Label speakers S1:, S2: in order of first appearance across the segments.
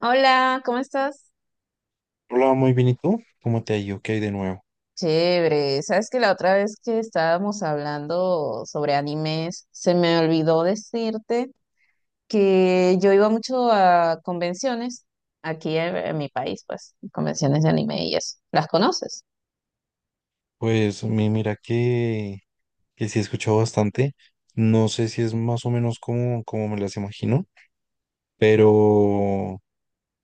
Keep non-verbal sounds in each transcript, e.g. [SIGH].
S1: Hola, ¿cómo estás?
S2: Hola, muy bien, ¿y tú? ¿Cómo te ha ido? ¿Qué hay de nuevo?
S1: Chévere, sabes que la otra vez que estábamos hablando sobre animes, se me olvidó decirte que yo iba mucho a convenciones aquí en mi país, pues, convenciones de anime y eso. ¿Las conoces?
S2: Pues mira que sí he escuchado bastante. No sé si es más o menos como, como me las imagino, pero,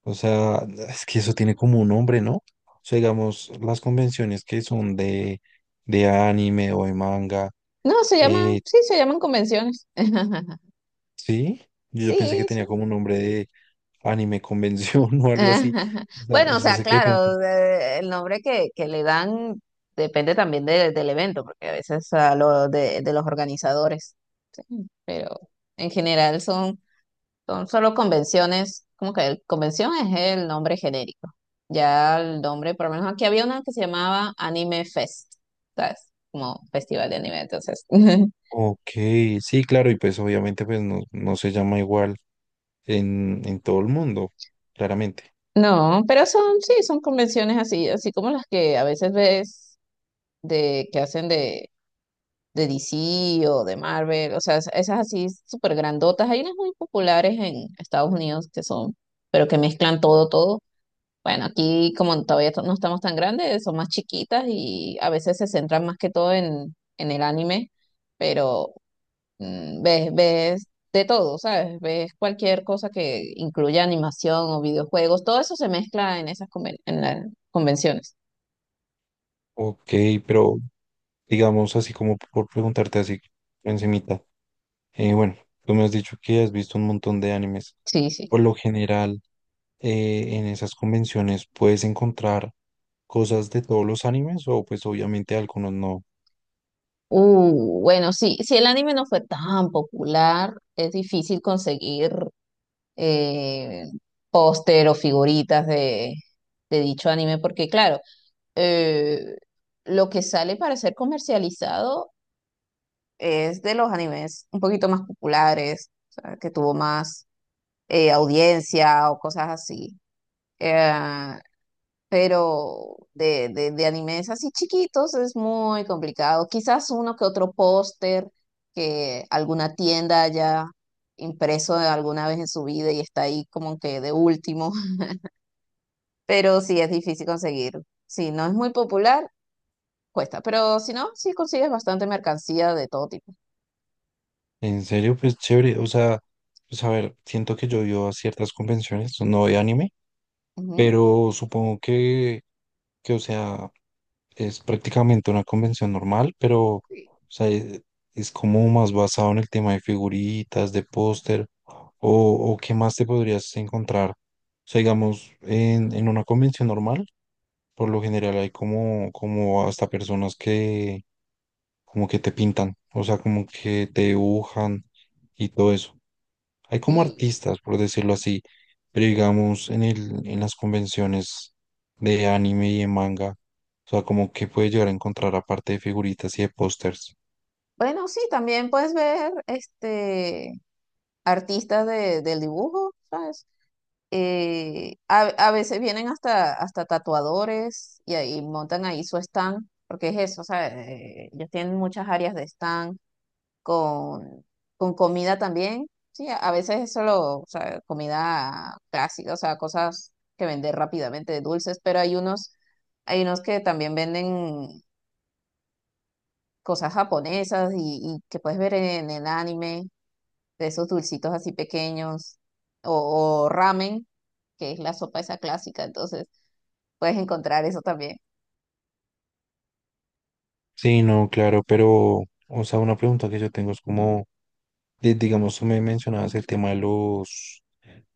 S2: o sea, es que eso tiene como un nombre, ¿no? O sea, digamos, las convenciones que son de anime o de manga,
S1: No, se llaman,
S2: eh,
S1: sí, se llaman convenciones. [LAUGHS]
S2: sí, yo pensé que
S1: Sí,
S2: tenía
S1: sí.
S2: como un nombre de anime convención [LAUGHS] o algo así.
S1: [LAUGHS]
S2: O
S1: Bueno, o
S2: sea,
S1: sea,
S2: sé que de pronto.
S1: claro, el nombre que le dan depende también del evento, porque a veces a lo de los organizadores. Mm, pero en general son, son solo convenciones, como que convención es el nombre genérico. Ya el nombre, por lo menos aquí había una que se llamaba Anime Fest, ¿sabes? Como festival de anime, entonces. [LAUGHS]
S2: Ok, sí, claro, y pues obviamente pues no, no se llama igual en todo el mundo, claramente.
S1: No, pero son, sí, son convenciones así, así como las que a veces ves de que hacen de DC o de Marvel, o sea, esas así súper grandotas. Hay unas muy populares en Estados Unidos que son, pero que mezclan todo, todo. Bueno, aquí como todavía no estamos tan grandes, son más chiquitas y a veces se centran más que todo en el anime, pero ves de todo, ¿sabes? Ves cualquier cosa que incluya animación o videojuegos, todo eso se mezcla en esas en las convenciones.
S2: Ok, pero digamos así como por preguntarte así encimita. Bueno, tú me has dicho que has visto un montón de animes.
S1: Sí, sí.
S2: Por lo general, en esas convenciones puedes encontrar cosas de todos los animes o pues obviamente algunos no.
S1: Bueno, sí, si el anime no fue tan popular, es difícil conseguir eh, póster o figuritas de dicho anime, porque claro, eh, lo que sale para ser comercializado es de los animes un poquito más populares, o sea, que tuvo más audiencia o cosas así. Eh, pero de animes así chiquitos es muy complicado. Quizás uno que otro póster que alguna tienda haya impreso alguna vez en su vida y está ahí como que de último, [LAUGHS] pero sí es difícil conseguir. Si no es muy popular, cuesta, pero si no, sí consigues bastante mercancía de todo tipo.
S2: En serio, pues chévere. O sea, pues a ver, siento que yo he ido a ciertas convenciones, no de anime,
S1: Ujú.
S2: pero supongo que o sea, es prácticamente una convención normal, pero o
S1: Sí,
S2: sea, es como más basado en el tema de figuritas, de póster, o qué más te podrías encontrar. O sea, digamos, en una convención normal, por lo general hay como, como hasta personas que como que te pintan, o sea, como que te dibujan y todo eso. Hay como
S1: sí.
S2: artistas, por decirlo así, pero digamos en el, en las convenciones de anime y de manga, o sea, como que puede llegar a encontrar aparte de figuritas y de pósters.
S1: Bueno, sí, también puedes ver este, artistas del dibujo, ¿sabes? A veces vienen hasta tatuadores y ahí montan ahí su stand, porque es eso, o sea, ellos tienen muchas áreas de stand con, con comida también. Sí, a veces es solo, o sea, comida clásica, o sea, cosas que vender rápidamente, dulces, pero hay unos que también venden cosas japonesas y que puedes ver en el anime, de esos dulcitos así pequeños, o ramen, que es la sopa esa clásica, entonces puedes encontrar eso también.
S2: Sí, no, claro, pero, o sea, una pregunta que yo tengo es como, digamos, tú me mencionabas el tema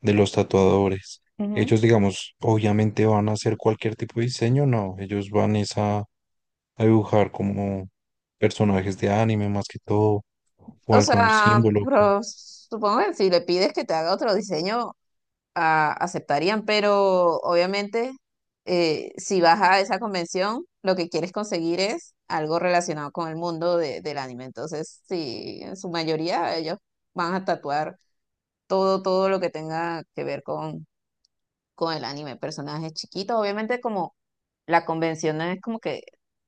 S2: de los tatuadores.
S1: Ujú.
S2: Ellos, digamos, obviamente van a hacer cualquier tipo de diseño, no, ellos van es a dibujar como personajes de anime más que todo, o
S1: O
S2: algún
S1: sea,
S2: símbolo.
S1: pero supongo que si le pides que te haga otro diseño, aceptarían, pero obviamente si vas a esa convención, lo que quieres conseguir es algo relacionado con el mundo del anime. Entonces, sí, en su mayoría ellos van a tatuar todo, todo lo que tenga que ver con el anime, personajes chiquitos. Obviamente como la convención no es como que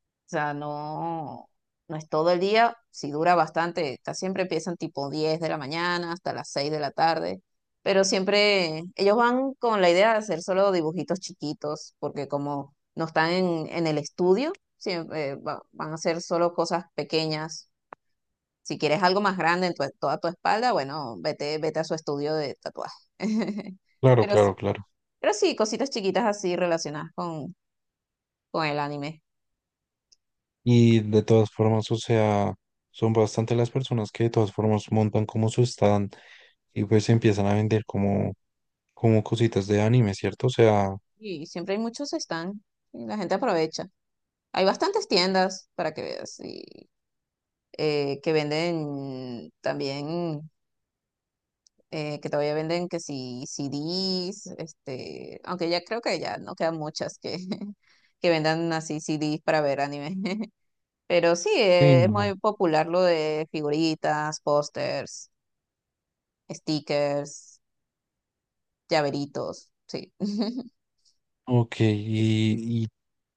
S1: o sea, no, no es todo el día, si dura bastante, siempre empiezan tipo 10 de la mañana hasta las 6 de la tarde, pero siempre ellos van con la idea de hacer solo dibujitos chiquitos, porque como no están en el estudio, siempre van a hacer solo cosas pequeñas. Si quieres algo más grande en toda tu espalda, bueno, vete, vete a su estudio de tatuaje. [LAUGHS]
S2: Claro,
S1: Pero sí,
S2: claro, claro.
S1: pero sí, cositas chiquitas así relacionadas con el anime.
S2: Y de todas formas, o sea, son bastante las personas que de todas formas montan como su stand y pues empiezan a vender como, como cositas de anime, ¿cierto? O sea,
S1: Y siempre hay muchos stand y la gente aprovecha. Hay bastantes tiendas para que veas y, que venden también, que todavía venden que si CDs, este, aunque ya creo que ya no quedan muchas que, [LAUGHS] que vendan así CDs para ver anime. [LAUGHS] Pero sí,
S2: sí,
S1: es
S2: no. No.
S1: muy popular lo de figuritas, pósters, stickers, llaveritos, sí. [LAUGHS]
S2: Ok, y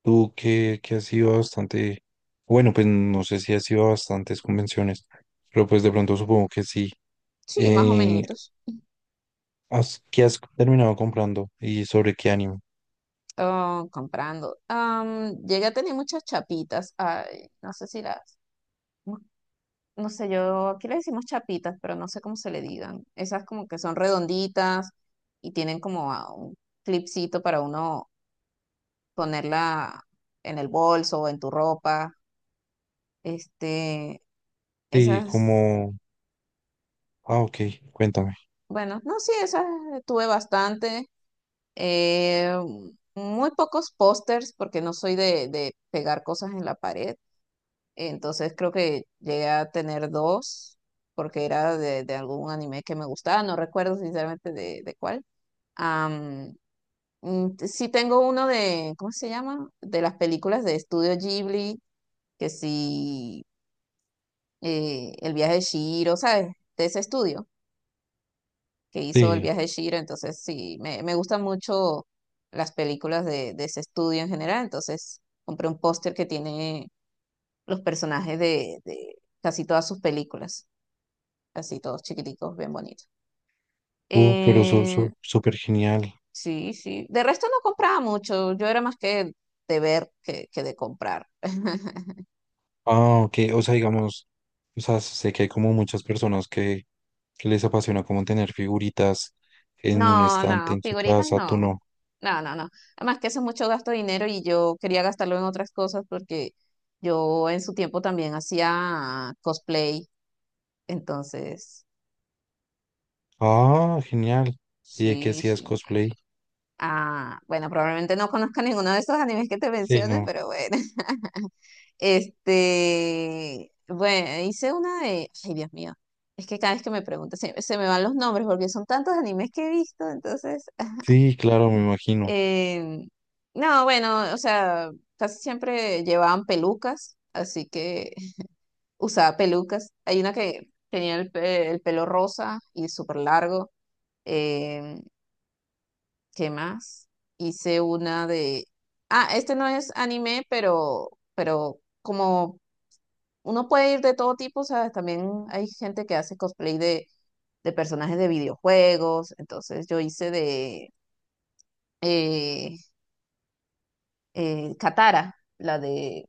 S2: tú que has ido a bastante, bueno, pues no sé si has ido a bastantes convenciones, pero pues de pronto supongo que sí.
S1: Sí, más o
S2: Eh,
S1: menos.
S2: ¿Qué has terminado comprando y sobre qué anime?
S1: Oh, comprando. Llegué a tener muchas chapitas. Ay, no sé si las. No, no sé, yo aquí le decimos chapitas, pero no sé cómo se le digan. Esas como que son redonditas y tienen como ah, un clipcito para uno ponerla en el bolso o en tu ropa. Este,
S2: Sí,
S1: esas.
S2: como, ah, ok, cuéntame.
S1: Bueno, no, sí, esas tuve bastante. Eh, muy pocos pósters porque no soy de pegar cosas en la pared. Entonces creo que llegué a tener dos, porque era de algún anime que me gustaba, no recuerdo sinceramente de cuál. Am, sí tengo uno de, ¿cómo se llama? De las películas de Estudio Ghibli, que sí, El viaje de Chihiro, ¿sabes? De ese estudio que hizo El
S2: Sí.
S1: viaje de Chihiro, entonces sí, me gustan mucho las películas de ese estudio en general, entonces compré un póster que tiene los personajes de casi todas sus películas. Así todos chiquiticos, bien bonitos.
S2: Pero eso
S1: Eh,
S2: súper genial.
S1: sí, sí. De resto no compraba mucho, yo era más que de ver que de comprar. [LAUGHS]
S2: Ah, ok. O sea, digamos, o sea, sé que hay como muchas personas que les apasiona como tener figuritas en un
S1: No,
S2: estante
S1: no,
S2: en su
S1: figuritas
S2: casa, tú
S1: no.
S2: no.
S1: No, no, no. Además que eso es mucho gasto de dinero y yo quería gastarlo en otras cosas porque yo en su tiempo también hacía cosplay. Entonces,
S2: Ah, genial. ¿Y de qué
S1: sí,
S2: hacías
S1: sí.
S2: cosplay?
S1: Ah, bueno, probablemente no conozca ninguno de esos animes que te
S2: Sí,
S1: mencioné,
S2: no.
S1: pero bueno. Este, bueno, hice una de, ay Dios mío, es que cada vez que me preguntas se me van los nombres porque son tantos animes que he visto, entonces,
S2: Sí, claro, me
S1: [LAUGHS]
S2: imagino.
S1: em, no, bueno, o sea, casi siempre llevaban pelucas, así que [LAUGHS] usaba pelucas. Hay una que tenía el pelo rosa y súper largo. em, ¿Qué más? Hice una de, ah, este no es anime, pero como uno puede ir de todo tipo, ¿sabes? También hay gente que hace cosplay de personajes de videojuegos. Entonces yo hice de eh, Katara, la de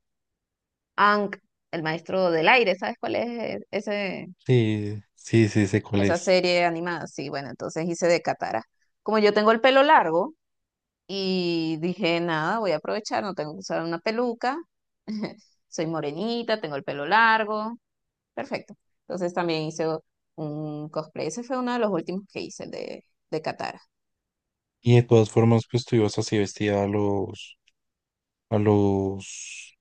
S1: Aang, el maestro del aire. ¿Sabes cuál es ese,
S2: Sí, sí, sí, sé cuál
S1: esa
S2: es.
S1: serie animada? Sí, bueno, entonces hice de Katara. Como yo tengo el pelo largo y dije, nada, voy a aprovechar, no tengo que usar una peluca. [LAUGHS] Soy morenita, tengo el pelo largo. Perfecto. Entonces también hice un cosplay. Ese fue uno de los últimos que hice de Katara.
S2: Y de todas formas, pues tú ibas así vestida a los, a los,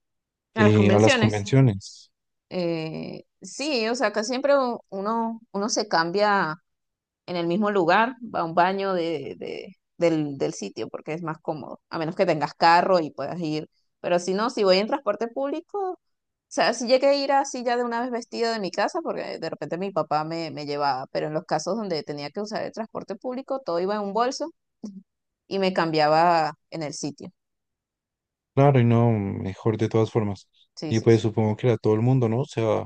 S1: A las
S2: a las
S1: convenciones.
S2: convenciones.
S1: Sí, o sea, acá siempre uno se cambia en el mismo lugar, va a un baño del sitio porque es más cómodo, a menos que tengas carro y puedas ir. Pero si no, si voy en transporte público, o sea, si llegué a ir así ya de una vez vestida de mi casa, porque de repente mi papá me llevaba, pero en los casos donde tenía que usar el transporte público, todo iba en un bolso y me cambiaba en el sitio.
S2: Claro, y no, mejor de todas formas.
S1: Sí,
S2: Y
S1: sí,
S2: pues
S1: sí.
S2: supongo que era todo el mundo, ¿no? O sea,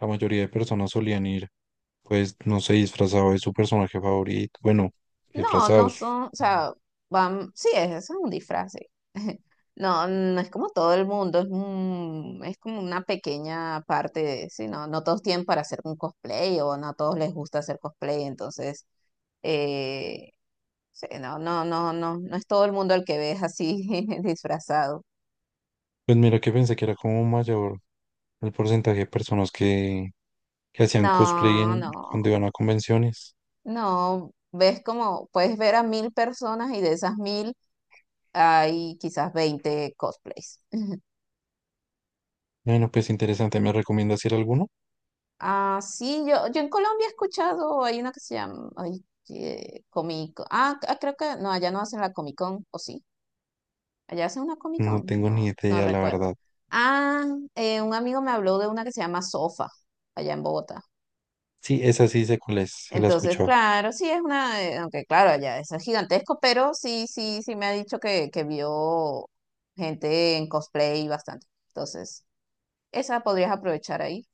S2: la mayoría de personas solían ir, pues, no sé, disfrazado de su personaje favorito. Bueno,
S1: No, no
S2: disfrazados.
S1: son, o sea, van, sí, es un disfraz, sí. [LAUGHS] No, no es como todo el mundo, es como una pequeña parte de, sí, no, no todos tienen para hacer un cosplay o no a todos les gusta hacer cosplay, entonces, eh, sí, no, no, no, no, no es todo el mundo el que ves así [LAUGHS] disfrazado.
S2: Pues mira que pensé que era como mayor el porcentaje de personas que hacían cosplay
S1: No,
S2: cuando
S1: no,
S2: iban a convenciones.
S1: no, ves como, puedes ver a 1000 personas y de esas 1000 hay quizás 20 cosplays. [LAUGHS]
S2: Bueno, pues interesante. ¿Me recomiendas ir a alguno?
S1: Ah, sí, yo en Colombia he escuchado, hay una que se llama, ay, Comic, ah, ah, creo que, no, allá no hacen la Comic Con, ¿o sí? Allá hacen una Comic
S2: No
S1: Con,
S2: tengo
S1: no,
S2: ni
S1: no
S2: idea, la
S1: recuerdo.
S2: verdad.
S1: Ah, un amigo me habló de una que se llama Sofa, allá en Bogotá.
S2: Sí, esa sí sé cuál es, se la he
S1: Entonces,
S2: escuchado.
S1: claro, sí es una, aunque claro, allá es gigantesco, pero sí, sí, sí me ha dicho que vio gente en cosplay bastante. Entonces, esa podrías aprovechar ahí.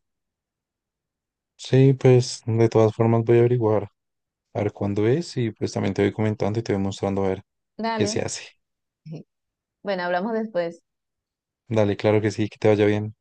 S2: Sí, pues, de todas formas voy a averiguar, a ver cuándo es y pues también te voy comentando y te voy mostrando a ver que
S1: Dale.
S2: se hace.
S1: [LAUGHS] Bueno, hablamos después.
S2: Dale, claro que sí, que te vaya bien.